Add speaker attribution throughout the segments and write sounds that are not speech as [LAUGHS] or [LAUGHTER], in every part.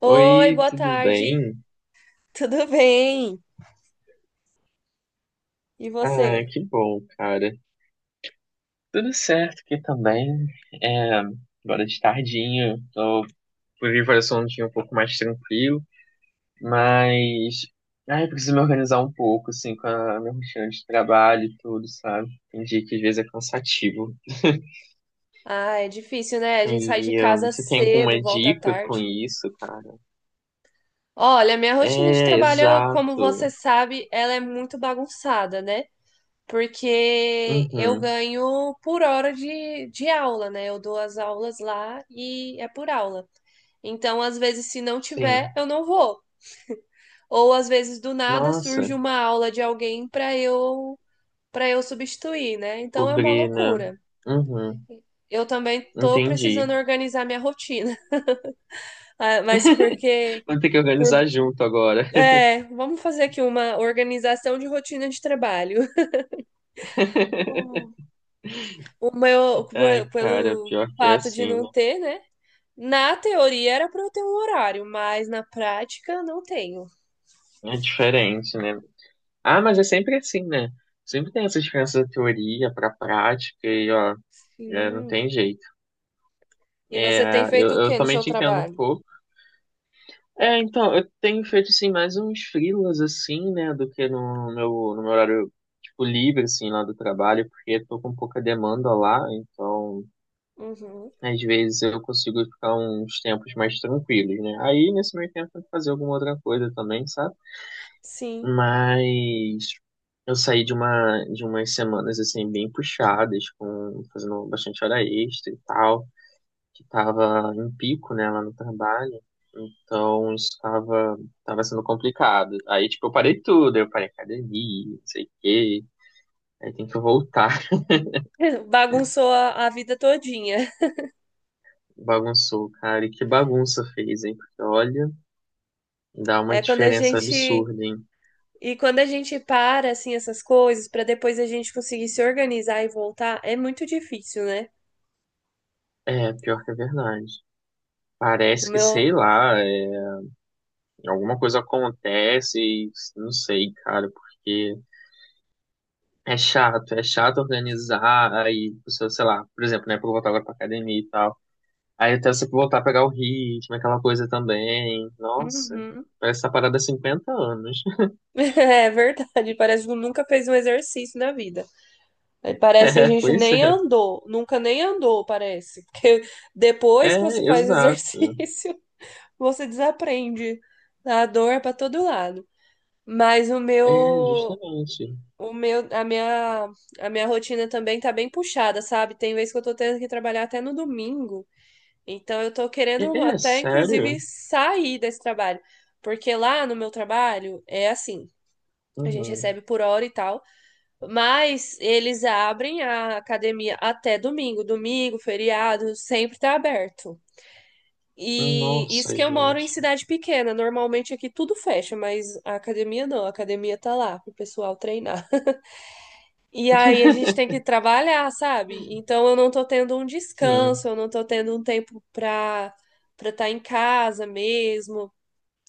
Speaker 1: Oi,
Speaker 2: Oi,
Speaker 1: boa
Speaker 2: tudo
Speaker 1: tarde.
Speaker 2: bem?
Speaker 1: Tudo bem? E
Speaker 2: Ah,
Speaker 1: você?
Speaker 2: que bom, cara. Tudo certo aqui também. É, agora de tardinha, tô por vir para um dia um pouco mais tranquilo, mas ai, preciso me organizar um pouco, assim, com a minha rotina de trabalho e tudo, sabe? Tem dia que às vezes é cansativo.
Speaker 1: Ah, é difícil, né? A gente sai de
Speaker 2: E ah,
Speaker 1: casa
Speaker 2: você tem
Speaker 1: cedo,
Speaker 2: alguma
Speaker 1: volta
Speaker 2: dica com
Speaker 1: tarde.
Speaker 2: isso, cara?
Speaker 1: Olha, minha rotina de
Speaker 2: É,
Speaker 1: trabalho, como
Speaker 2: exato.
Speaker 1: você sabe, ela é muito bagunçada, né? Porque eu
Speaker 2: Uhum,
Speaker 1: ganho por hora de aula, né? Eu dou as aulas lá e é por aula. Então, às vezes, se não tiver,
Speaker 2: sim.
Speaker 1: eu não vou. Ou às vezes, do nada, surge
Speaker 2: Nossa,
Speaker 1: uma aula de alguém para eu substituir, né? Então é uma
Speaker 2: pobre, né?
Speaker 1: loucura.
Speaker 2: Uhum,
Speaker 1: Eu também tô
Speaker 2: entendi.
Speaker 1: precisando organizar minha rotina, [LAUGHS] Ah, mas porque
Speaker 2: Vamos ter que
Speaker 1: por-
Speaker 2: organizar junto agora.
Speaker 1: é, vamos fazer aqui uma organização de rotina de trabalho. [LAUGHS]
Speaker 2: [LAUGHS]
Speaker 1: O, o meu
Speaker 2: Ai, cara,
Speaker 1: pelo
Speaker 2: pior que é
Speaker 1: fato de
Speaker 2: assim,
Speaker 1: não
Speaker 2: né?
Speaker 1: ter, né? Na teoria era para eu ter um horário, mas na prática não tenho.
Speaker 2: É diferente, né? Ah, mas é sempre assim, né? Sempre tem essa diferença da teoria pra prática e, ó, é, não
Speaker 1: Sim.
Speaker 2: tem jeito.
Speaker 1: E você tem
Speaker 2: É, eu,
Speaker 1: feito o
Speaker 2: eu
Speaker 1: que no
Speaker 2: também
Speaker 1: seu
Speaker 2: te entendo um
Speaker 1: trabalho?
Speaker 2: pouco. É, então, eu tenho feito, assim, mais uns freelas, assim, né, do que no meu horário, tipo, livre, assim, lá do trabalho, porque tô com pouca demanda lá, então
Speaker 1: Uhum,
Speaker 2: às vezes eu consigo ficar uns tempos mais tranquilos, né? Aí nesse meio tempo eu tento fazer alguma outra coisa também, sabe?
Speaker 1: sim.
Speaker 2: Mas eu saí de uma de umas semanas assim bem puxadas, com fazendo bastante hora extra e tal, que tava em pico, né, lá no trabalho. Então isso tava sendo complicado. Aí tipo eu parei tudo, eu parei academia, não sei o quê. Aí tem que voltar. [LAUGHS]
Speaker 1: [LAUGHS] Bagunçou a vida todinha.
Speaker 2: Bagunçou, cara. E que bagunça fez, hein? Porque olha. Dá uma
Speaker 1: É quando a
Speaker 2: diferença
Speaker 1: gente
Speaker 2: absurda, hein?
Speaker 1: E quando a gente para assim essas coisas para depois a gente conseguir se organizar e voltar, é muito difícil, né?
Speaker 2: É, pior que é verdade.
Speaker 1: O
Speaker 2: Parece que, sei
Speaker 1: meu.
Speaker 2: lá, é, alguma coisa acontece e não sei, cara, porque é chato organizar, aí, pessoa, sei lá, por exemplo, né, pra eu voltar agora pra academia e tal. Aí até você voltar a pegar o ritmo, aquela coisa também. Nossa,
Speaker 1: Uhum.
Speaker 2: parece essa parada há 50 anos. [LAUGHS]
Speaker 1: [LAUGHS] É verdade, parece que nunca fez um exercício na vida. Aí parece que a
Speaker 2: É,
Speaker 1: gente
Speaker 2: pois
Speaker 1: nem
Speaker 2: é.
Speaker 1: andou, nunca nem andou, parece. Porque depois
Speaker 2: É,
Speaker 1: que você faz
Speaker 2: exato.
Speaker 1: exercício, [LAUGHS] você desaprende. A dor é para todo lado. Mas
Speaker 2: É, justamente.
Speaker 1: o meu, a minha rotina também tá bem puxada, sabe? Tem vezes que eu tô tendo que trabalhar até no domingo. Então eu tô
Speaker 2: É,
Speaker 1: querendo
Speaker 2: é
Speaker 1: até, inclusive,
Speaker 2: sério?
Speaker 1: sair desse trabalho. Porque lá no meu trabalho é assim, a gente
Speaker 2: Uhum.
Speaker 1: recebe por hora e tal, mas eles abrem a academia até domingo. Domingo, feriado, sempre tá aberto. E isso
Speaker 2: Nossa,
Speaker 1: que eu moro em
Speaker 2: gente.
Speaker 1: cidade pequena. Normalmente aqui tudo fecha, mas a academia não, a academia tá lá pro pessoal treinar. E aí a gente tem que trabalhar, sabe? Então eu não tô tendo um
Speaker 2: Sim.
Speaker 1: descanso, eu não tô tendo um tempo pra estar em casa mesmo.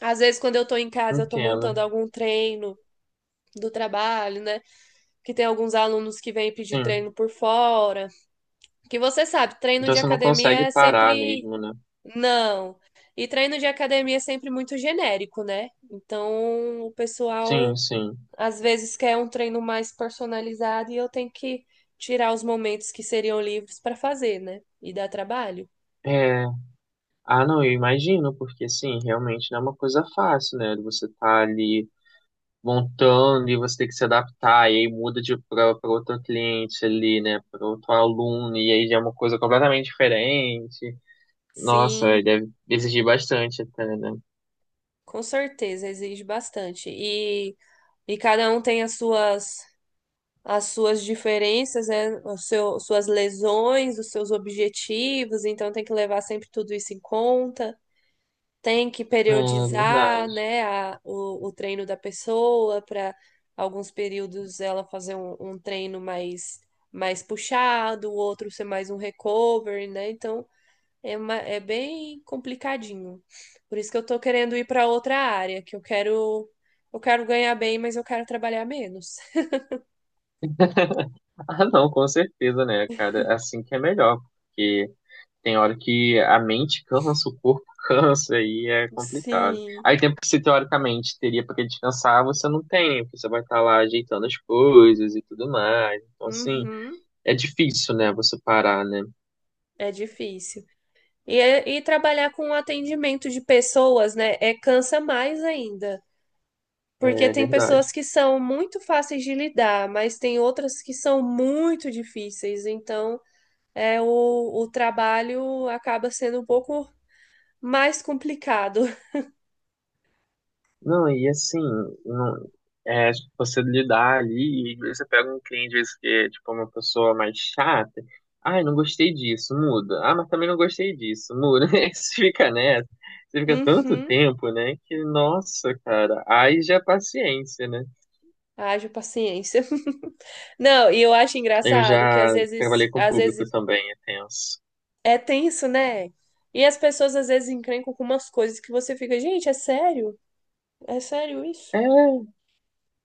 Speaker 1: Às vezes quando eu tô em casa eu tô
Speaker 2: Entendo.
Speaker 1: montando algum treino do trabalho, né? Que tem alguns alunos que vêm pedir
Speaker 2: Sim.
Speaker 1: treino por fora. Que você sabe, treino
Speaker 2: Então
Speaker 1: de
Speaker 2: você não
Speaker 1: academia
Speaker 2: consegue
Speaker 1: é
Speaker 2: parar
Speaker 1: sempre
Speaker 2: mesmo, né?
Speaker 1: não. E treino de academia é sempre muito genérico, né? Então o
Speaker 2: Sim,
Speaker 1: pessoal
Speaker 2: sim.
Speaker 1: às vezes quer um treino mais personalizado e eu tenho que tirar os momentos que seriam livres para fazer, né? E dá trabalho?
Speaker 2: É, ah, não, eu imagino, porque sim, realmente não é uma coisa fácil, né? Você tá ali montando e você tem que se adaptar, e aí muda de para outro cliente ali, né? Para outro aluno, e aí já é uma coisa completamente diferente. Nossa, aí
Speaker 1: Sim,
Speaker 2: deve exigir bastante até, né?
Speaker 1: com certeza, exige bastante. E cada um tem as suas diferenças, né? O seu, suas lesões, os seus objetivos, então tem que levar sempre tudo isso em conta. Tem que
Speaker 2: É
Speaker 1: periodizar,
Speaker 2: verdade.
Speaker 1: né, o treino da pessoa para alguns períodos ela fazer um treino mais puxado, o outro ser mais um recovery, né? Então é uma, é bem complicadinho. Por isso que eu tô querendo ir para outra área, que eu quero ganhar bem, mas eu quero trabalhar menos.
Speaker 2: [LAUGHS] Ah, não, com certeza, né, cara? É assim que é melhor, porque tem hora que a mente cansa, o corpo [LAUGHS] cansa, aí é complicado.
Speaker 1: Sim.
Speaker 2: Aí tempo que você teoricamente teria para descansar, você não tem, né? Porque você vai estar lá ajeitando as coisas e tudo mais. Então, assim,
Speaker 1: Uhum.
Speaker 2: é difícil, né, você parar, né?
Speaker 1: É difícil. E, e trabalhar com atendimento de pessoas, né? É cansa mais ainda. Porque
Speaker 2: É
Speaker 1: tem pessoas
Speaker 2: verdade.
Speaker 1: que são muito fáceis de lidar, mas tem outras que são muito difíceis. Então, o trabalho acaba sendo um pouco mais complicado. [LAUGHS]
Speaker 2: Não, e assim, não, é, tipo, você lidar ali, e às vezes você pega um cliente, às vezes, que é tipo uma pessoa mais chata, ai, não gostei disso, muda. Ah, mas também não gostei disso, muda. [LAUGHS] Aí você fica nessa, você fica tanto
Speaker 1: Uhum.
Speaker 2: tempo, né, que, nossa, cara, aí já é paciência, né?
Speaker 1: Haja paciência. [LAUGHS] Não, e eu acho
Speaker 2: Eu
Speaker 1: engraçado que
Speaker 2: já trabalhei com
Speaker 1: às
Speaker 2: público
Speaker 1: vezes
Speaker 2: também, é tenso.
Speaker 1: é tenso, né? E as pessoas às vezes encrencam com umas coisas que você fica, gente, é sério? É sério isso?
Speaker 2: É,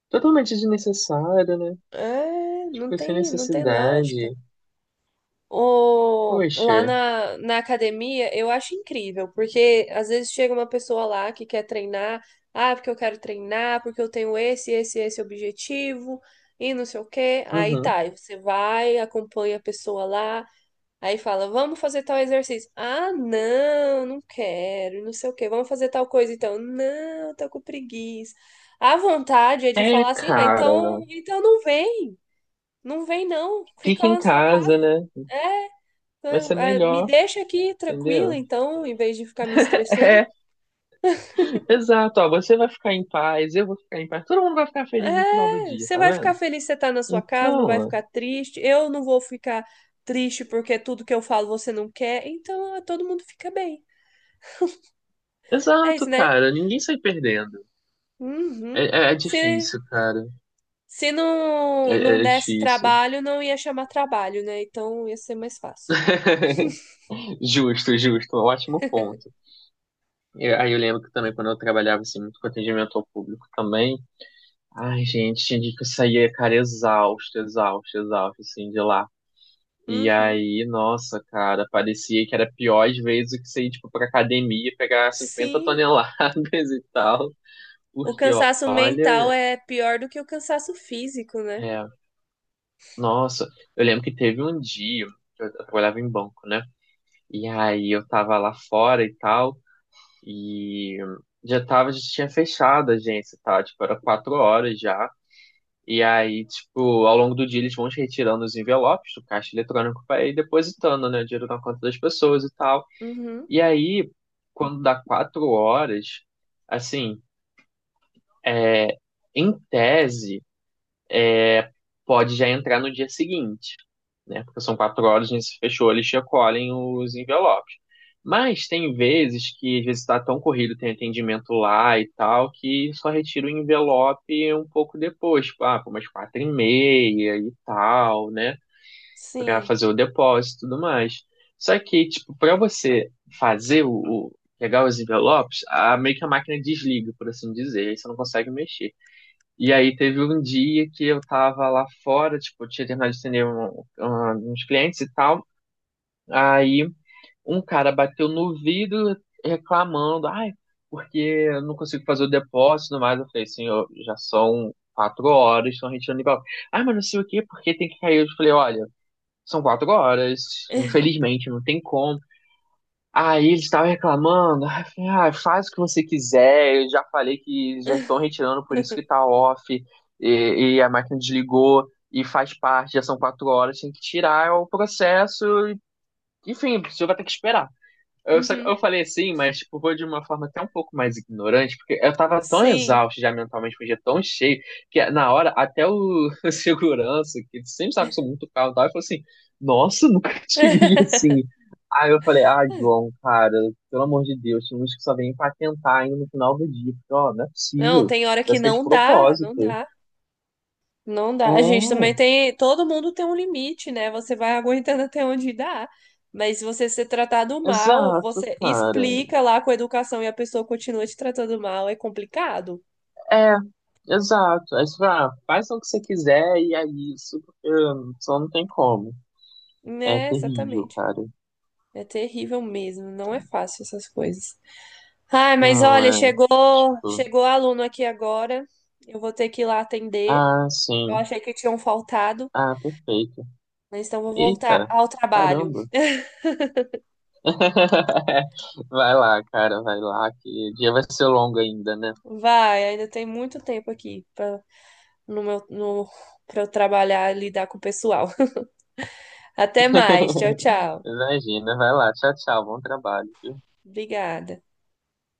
Speaker 2: totalmente desnecessário, né?
Speaker 1: É,
Speaker 2: Tipo, sem
Speaker 1: não tem lógica.
Speaker 2: necessidade.
Speaker 1: O,
Speaker 2: Poxa,
Speaker 1: na academia, eu acho incrível, porque às vezes chega uma pessoa lá que quer treinar, ah, porque eu quero treinar, porque eu tenho esse objetivo, e não sei o quê. Aí
Speaker 2: uhum.
Speaker 1: tá, aí você vai, acompanha a pessoa lá, aí fala, vamos fazer tal exercício. Ah, não, não quero, não sei o quê, vamos fazer tal coisa então. Não, tô com preguiça. A vontade é de
Speaker 2: É,
Speaker 1: falar assim, ah,
Speaker 2: cara,
Speaker 1: então não vem, não vem não, fica
Speaker 2: fica
Speaker 1: lá
Speaker 2: em
Speaker 1: na sua
Speaker 2: casa,
Speaker 1: casa.
Speaker 2: né?
Speaker 1: É, tá,
Speaker 2: Vai ser
Speaker 1: é, me
Speaker 2: melhor,
Speaker 1: deixa aqui tranquila,
Speaker 2: entendeu?
Speaker 1: então, em vez de ficar me
Speaker 2: [LAUGHS]
Speaker 1: estressando.
Speaker 2: É, exato, ó, você vai ficar em paz, eu vou ficar em paz, todo mundo vai ficar feliz no final do
Speaker 1: É,
Speaker 2: dia,
Speaker 1: você
Speaker 2: tá
Speaker 1: vai ficar
Speaker 2: vendo?
Speaker 1: feliz que você tá na sua casa, não vai
Speaker 2: Então,
Speaker 1: ficar triste. Eu não vou ficar triste porque tudo que eu falo você não quer. Então, é, todo mundo fica bem. É
Speaker 2: exato,
Speaker 1: isso, né?
Speaker 2: cara, ninguém sai perdendo. É,
Speaker 1: Uhum.
Speaker 2: é
Speaker 1: Se,
Speaker 2: difícil, cara.
Speaker 1: se não, não
Speaker 2: É, é
Speaker 1: desse
Speaker 2: difícil.
Speaker 1: trabalho, não ia chamar trabalho, né? Então, ia ser mais fácil.
Speaker 2: [LAUGHS] Justo, justo, ótimo ponto. E aí eu lembro que também quando eu trabalhava assim, muito com atendimento ao público também, ai, gente, tinha dia que eu saía, cara, exausto, exausto, exausto, assim, de lá. E
Speaker 1: Uhum.
Speaker 2: aí, nossa, cara, parecia que era pior às vezes do que você ir, tipo, pra academia e pegar cinquenta
Speaker 1: Sim.
Speaker 2: toneladas [LAUGHS] e tal.
Speaker 1: O
Speaker 2: Porque, ó,
Speaker 1: cansaço mental
Speaker 2: olha,
Speaker 1: é pior do que o cansaço físico, né?
Speaker 2: é, nossa, eu lembro que teve um dia, que eu trabalhava em banco, né? E aí eu tava lá fora e tal, e já tava, já tinha fechado a agência, tá? Tipo, era 4 horas já. E aí, tipo, ao longo do dia eles vão te retirando os envelopes do caixa eletrônico pra ir depositando, né, o dinheiro na conta das pessoas e tal.
Speaker 1: Uhum.
Speaker 2: E aí, quando dá 4 horas, assim, é, em tese, pode já entrar no dia seguinte, né? Porque são 4 horas, a gente se fechou, eles recolhem os envelopes. Mas tem vezes que, às vezes, está tão corrido, tem atendimento lá e tal, que só retira o envelope um pouco depois, tipo, ah, pô, umas 4h30 e tal, né? Para
Speaker 1: Sim.
Speaker 2: fazer o depósito e tudo mais. Só que, tipo, para você fazer o pegar os envelopes, a, meio que a máquina desliga, por assim dizer, aí você não consegue mexer. E aí teve um dia que eu tava lá fora, tipo, tinha terminado de atender uns clientes e tal, aí um cara bateu no vidro reclamando, ai, porque eu não consigo fazer o depósito e tudo mais. Eu falei, senhor, já são 4 horas, estão retirando envelope. Ai, mas não sei o quê, porque tem que cair. Eu falei, olha, são 4 horas, infelizmente, não tem como. Aí eles estavam reclamando, aí eu falei, ah, faz o que você quiser, eu já falei que já estão retirando, por isso que
Speaker 1: [LAUGHS]
Speaker 2: tá off, e a máquina desligou, e faz parte, já são quatro horas, tem que tirar é o processo, e- enfim, você vai ter que esperar.
Speaker 1: Uhum.
Speaker 2: Eu falei assim, mas tipo, foi de uma forma até um pouco mais ignorante, porque eu tava tão
Speaker 1: Sim.
Speaker 2: exausto já mentalmente, foi um dia tão cheio, que na hora até o, [LAUGHS] segurança, que ele sempre sabe que eu sou muito carro e tal, ele falou assim, nossa, [LAUGHS] nunca te vi assim.
Speaker 1: [LAUGHS]
Speaker 2: Aí eu falei, ah, João, cara, pelo amor de Deus, tem uns que só vêm patentar ainda no final do dia. Porque, ó, não é
Speaker 1: Não,
Speaker 2: possível.
Speaker 1: tem hora que
Speaker 2: Parece que é de
Speaker 1: não dá,
Speaker 2: propósito.
Speaker 1: não dá. A gente também
Speaker 2: É,
Speaker 1: tem, todo mundo tem um limite, né? Você vai aguentando [LAUGHS] até onde dá. Mas se você ser tratado mal,
Speaker 2: exato,
Speaker 1: você
Speaker 2: cara.
Speaker 1: explica lá com a educação e a pessoa continua te tratando mal, é complicado,
Speaker 2: É, exato. Aí você fala, ah, faz o que você quiser e é isso, porque só não tem como. É
Speaker 1: né?
Speaker 2: terrível,
Speaker 1: Exatamente.
Speaker 2: cara.
Speaker 1: É terrível mesmo, não é fácil essas coisas. Ai, mas olha,
Speaker 2: Não, é. Tipo,
Speaker 1: chegou aluno aqui agora. Eu vou ter que ir lá atender.
Speaker 2: ah,
Speaker 1: Eu
Speaker 2: sim.
Speaker 1: achei que tinham faltado,
Speaker 2: Ah, perfeito.
Speaker 1: mas então vou voltar
Speaker 2: Eita,
Speaker 1: ao trabalho.
Speaker 2: caramba. [LAUGHS] Vai lá, cara, vai lá, que o dia vai ser longo ainda, né?
Speaker 1: Vai, ainda tem muito tempo aqui pra, no, pra eu trabalhar e lidar com o pessoal. [LAUGHS] Até mais. Tchau,
Speaker 2: [LAUGHS]
Speaker 1: tchau.
Speaker 2: Imagina, vai lá. Tchau, tchau. Bom trabalho.
Speaker 1: Obrigada.